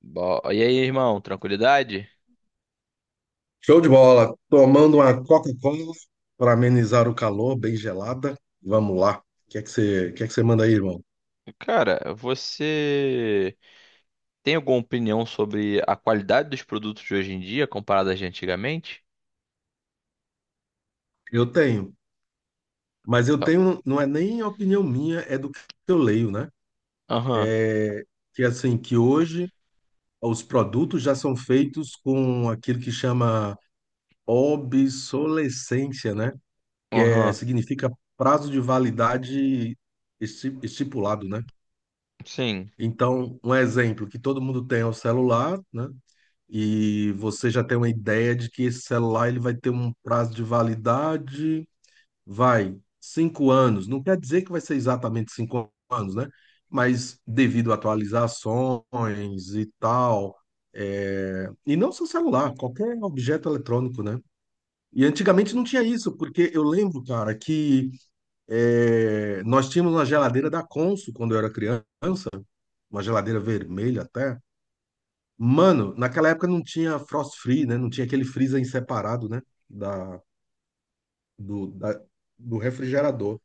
E aí, irmão, tranquilidade? Show de bola. Tomando uma Coca-Cola para amenizar o calor, bem gelada. Vamos lá. O que é que você manda aí, irmão? Cara, você tem alguma opinião sobre a qualidade dos produtos de hoje em dia comparada de antigamente? Eu tenho, mas eu Então, tenho, não é nem opinião minha, é do que eu leio, né? aham, Que é assim, que hoje os produtos já são feitos com aquilo que chama obsolescência, né? Que é, aham, significa prazo de validade estipulado, né? sim. Então, um exemplo que todo mundo tem é o celular, né? E você já tem uma ideia de que esse celular ele vai ter um prazo de validade, vai, cinco anos. Não quer dizer que vai ser exatamente cinco anos, né? Mas devido a atualizações e tal, e não só celular, qualquer objeto eletrônico, né? E antigamente não tinha isso, porque eu lembro, cara, que é, nós tínhamos uma geladeira da Consul quando eu era criança, uma geladeira vermelha até. Mano, naquela época não tinha frost free, né? Não tinha aquele freezer em separado, né? Da, do, da- do refrigerador.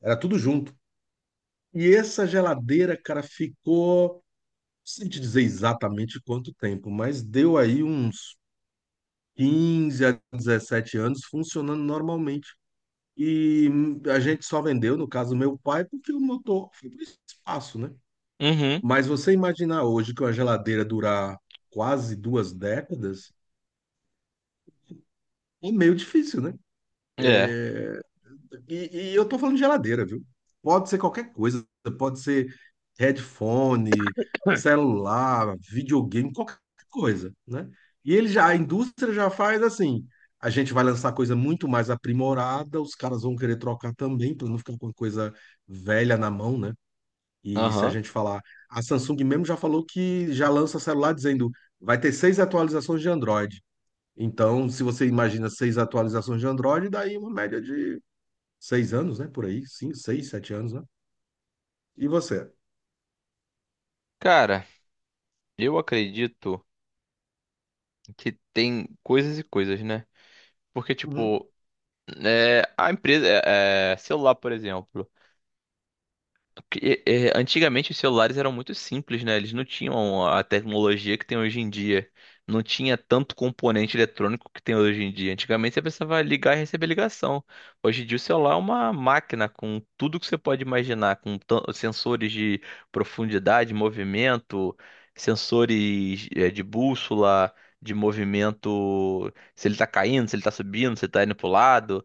Era tudo junto. E essa geladeira, cara, ficou, sem te dizer exatamente quanto tempo, mas deu aí uns 15 a 17 anos funcionando normalmente. E a gente só vendeu, no caso, meu pai, porque o motor foi para espaço, né? Uhum, Mas você imaginar hoje que uma geladeira durar quase duas décadas é meio difícil, né? é, É, e eu tô falando de geladeira, viu? Pode ser qualquer coisa, pode ser headphone, celular, videogame, qualquer coisa, né? E ele já, a indústria já faz assim. A gente vai lançar coisa muito mais aprimorada, os caras vão querer trocar também, para não ficar com coisa velha na mão, né? E se a aham. gente falar, a Samsung mesmo já falou que já lança celular dizendo vai ter seis atualizações de Android. Então, se você imagina seis atualizações de Android, daí uma média de seis anos, né? Por aí, sim, seis, sete anos, né? E você? Cara, eu acredito que tem coisas e coisas, né? Porque, Uhum. tipo, a empresa, celular, por exemplo. Porque, antigamente os celulares eram muito simples, né? Eles não tinham a tecnologia que tem hoje em dia. Não tinha tanto componente eletrônico que tem hoje em dia. Antigamente você precisava ligar e receber ligação. Hoje em dia o celular é uma máquina com tudo que você pode imaginar, com sensores de profundidade, movimento, sensores de bússola, de movimento, se ele tá caindo, se ele tá subindo, se ele tá indo pro lado,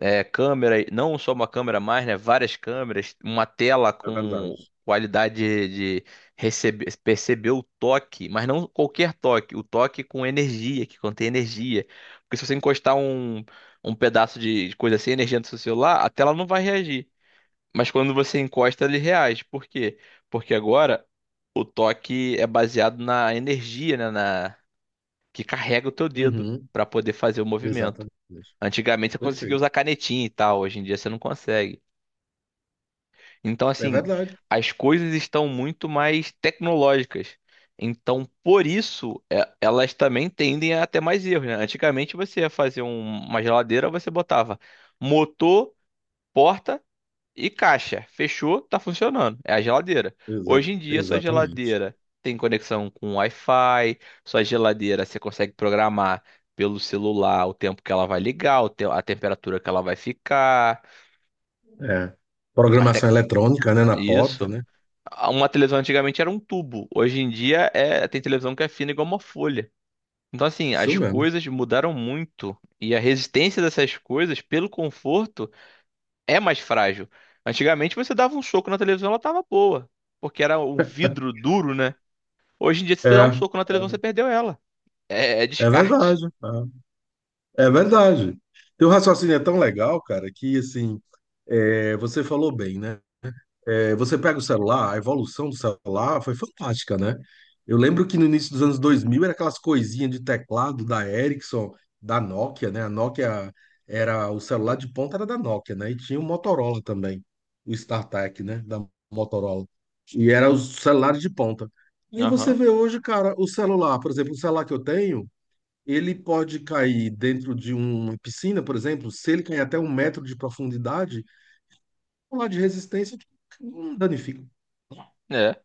câmera, não só uma câmera mais, né? Várias câmeras, uma tela É verdade. com qualidade de receber, perceber o toque, mas não qualquer toque, o toque com energia, que contém energia. Porque se você encostar um pedaço de coisa sem energia no seu celular, a tela não vai reagir. Mas quando você encosta, ele reage. Por quê? Porque agora o toque é baseado na energia, né? Na, que carrega o teu dedo Uhum, para poder fazer o movimento. exatamente. Antigamente você conseguia usar Perfeito. canetinha e tal, hoje em dia você não consegue. Então, É assim, verdade. as coisas estão muito mais tecnológicas. Então, por isso, elas também tendem a ter mais erros, né? Antigamente você ia fazer uma geladeira, você botava motor, porta e caixa, fechou, tá funcionando. É a geladeira. Hoje em dia, sua Exatamente. geladeira tem conexão com Wi-Fi, sua geladeira você consegue programar pelo celular o tempo que ela vai ligar, o a temperatura que ela vai ficar, É. Programação até eletrônica, né? Na porta, isso. né? Uma televisão antigamente era um tubo, hoje em dia tem televisão que é fina igual uma folha. Então, assim, Isso as mesmo. coisas mudaram muito e a resistência dessas coisas pelo conforto é mais frágil. Antigamente você dava um soco na televisão, ela tava boa, porque era um vidro duro, né? Hoje em dia, se você dá É, um é soco na televisão, você perdeu ela. É, é é, descarte. verdade. É, é verdade. Teu raciocínio é tão legal, cara, que assim, é, você falou bem, né? É, você pega o celular, a evolução do celular foi fantástica, né? Eu lembro que no início dos anos 2000 era aquelas coisinhas de teclado da Ericsson, da Nokia, né? A Nokia era o celular de ponta era da Nokia, né? E tinha o Motorola também, o StarTAC, né? Da Motorola. E era os celulares de ponta. Aí você Aham. vê hoje, cara, o celular, por exemplo, o celular que eu tenho, ele pode cair dentro de uma piscina, por exemplo, se ele cair até um metro de profundidade, o celular de resistência tipo, não danifica. É.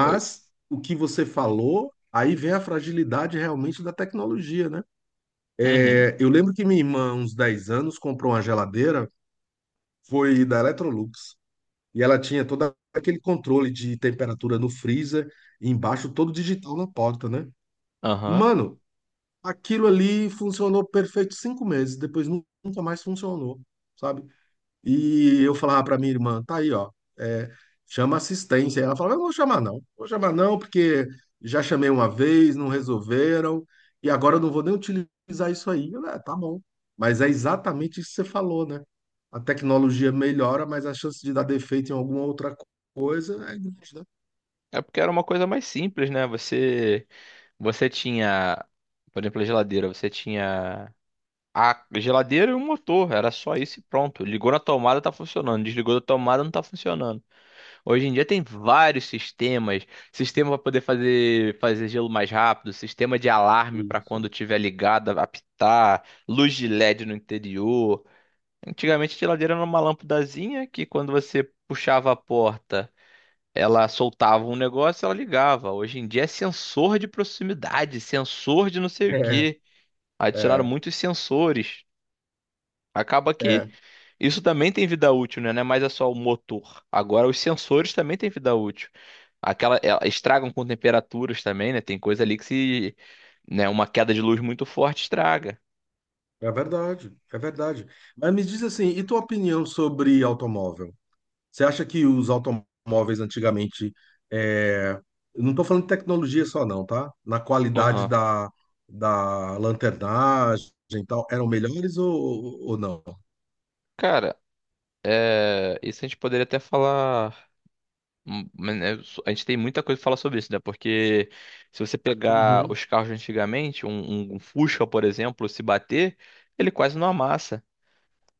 Oi. o que você falou, aí vem a fragilidade realmente da tecnologia, né? Uhum. É, eu lembro que minha irmã, uns 10 anos, comprou uma geladeira, foi da Electrolux, e ela tinha todo aquele controle de temperatura no freezer, e embaixo todo digital na porta, né? Aham. Mano, aquilo ali funcionou perfeito cinco meses, depois nunca mais funcionou, sabe? E eu falava para minha irmã, tá aí, ó, é, chama assistência. Ela falava, eu não vou chamar não, vou chamar não, porque já chamei uma vez, não resolveram, e agora eu não vou nem utilizar isso aí. Eu, "É, tá bom. Mas é exatamente isso que você falou, né? A tecnologia melhora, mas a chance de dar defeito em alguma outra coisa é grande, né? É porque era uma coisa mais simples, né? Você, você tinha, por exemplo, a geladeira, você tinha a geladeira e o motor, era só isso e pronto. Ligou na tomada, tá funcionando. Desligou da tomada, não tá funcionando. Hoje em dia tem vários sistemas, sistema para poder fazer gelo mais rápido, sistema de alarme para Isso. quando tiver ligada apitar, luz de LED no interior. Antigamente a geladeira era uma lâmpadazinha que quando você puxava a porta, ela soltava um negócio, e ela ligava. Hoje em dia é sensor de proximidade, sensor de não sei o É, quê. Adicionaram é, muitos sensores. Acaba que é, isso também tem vida útil, né? Não é mais é só o motor. Agora, os sensores também têm vida útil. Aquela, estragam com temperaturas também, né? Tem coisa ali que se, né, uma queda de luz muito forte estraga. é, verdade, é verdade. Mas me diz assim, e tua opinião sobre automóvel? Você acha que os automóveis antigamente, é, eu não estou falando de tecnologia só não, tá? Na qualidade Aham. da, da lanternagem e tal, eram melhores ou, ou não? Cara, é, isso a gente poderia até falar. A gente tem muita coisa pra falar sobre isso, né? Porque se você pegar Uhum, os carros de antigamente, um, um Fusca, por exemplo, se bater, ele quase não amassa.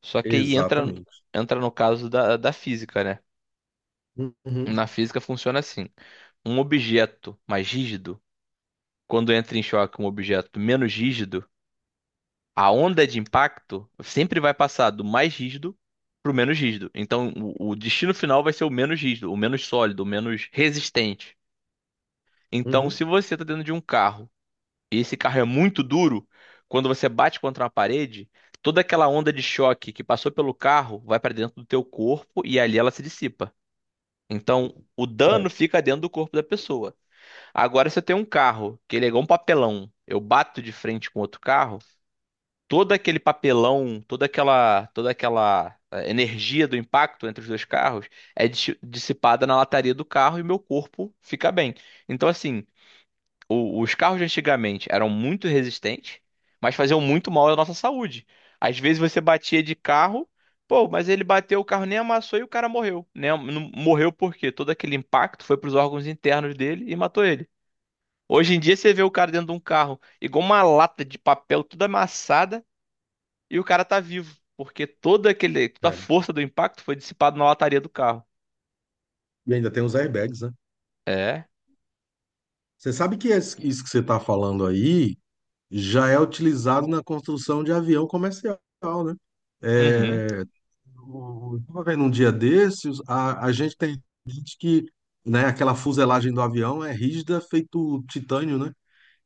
Só que aí entra, exatamente. entra no caso da, da física, né? Na Uhum, física funciona assim. Um objeto mais rígido, quando entra em choque com um objeto menos rígido, a onda de impacto sempre vai passar do mais rígido para o menos rígido. Então, o destino final vai ser o menos rígido, o menos sólido, o menos resistente. Então, se uhum. você está dentro de um carro e esse carro é muito duro, quando você bate contra uma parede, toda aquela onda de choque que passou pelo carro vai para dentro do teu corpo e ali ela se dissipa. Então, o É, dano fica dentro do corpo da pessoa. Agora, se eu tenho um carro que ele é igual um papelão, eu bato de frente com outro carro, todo aquele papelão, toda aquela energia do impacto entre os dois carros é dissipada na lataria do carro e meu corpo fica bem. Então, assim, os carros de antigamente eram muito resistentes, mas faziam muito mal à nossa saúde. Às vezes você batia de carro, pô, mas ele bateu, o carro nem amassou e o cara morreu. Né? Não- Morreu porque todo aquele impacto foi para os órgãos internos dele e matou ele. Hoje em dia você vê o cara dentro de um carro, igual uma lata de papel toda amassada, e o cara tá vivo, porque toda aquele, toda a é. força do impacto foi dissipada na lataria do carro. E ainda tem os airbags, né? É, Você sabe que isso que você está falando aí já é utilizado na construção de avião comercial, né? uhum, É, eu estava vendo um dia desses, a gente tem gente que, né, aquela fuselagem do avião é rígida, feito titânio, né?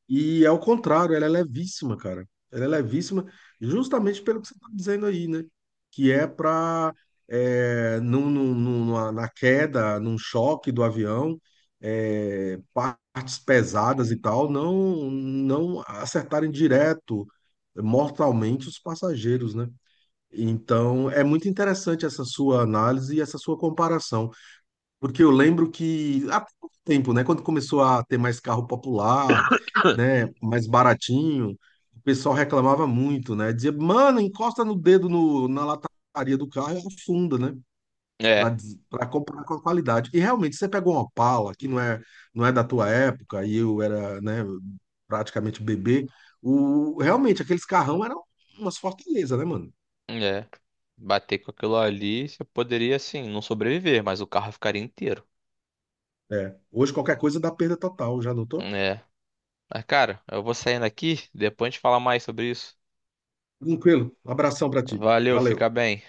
E é o contrário, ela é levíssima, cara. Ela é levíssima justamente pelo que você está dizendo aí, né? Que é para, é, na queda, num choque do avião, é, partes pesadas e tal, não acertarem direto, mortalmente, os passageiros, né? Então, é muito interessante essa sua análise e essa sua comparação, porque eu lembro que há pouco tempo, né, quando começou a ter mais carro popular, né, mais baratinho, o pessoal reclamava muito, né, dizia, mano, encosta no dedo na lataria do carro e afunda, né, para é, para comprar com a qualidade. E realmente, você pegou uma Opala, que não é, não é da tua época, e eu era, né, praticamente bebê, o, realmente, aqueles carrão eram umas fortalezas, né, mano? é. Bater com aquilo ali, você poderia, assim, não sobreviver, mas o carro ficaria inteiro. É. Hoje qualquer coisa dá perda total, já notou? É. Mas, cara, eu vou saindo aqui, depois a gente fala mais sobre isso. Tranquilo. Um abração pra ti. Valeu, Valeu. fica bem.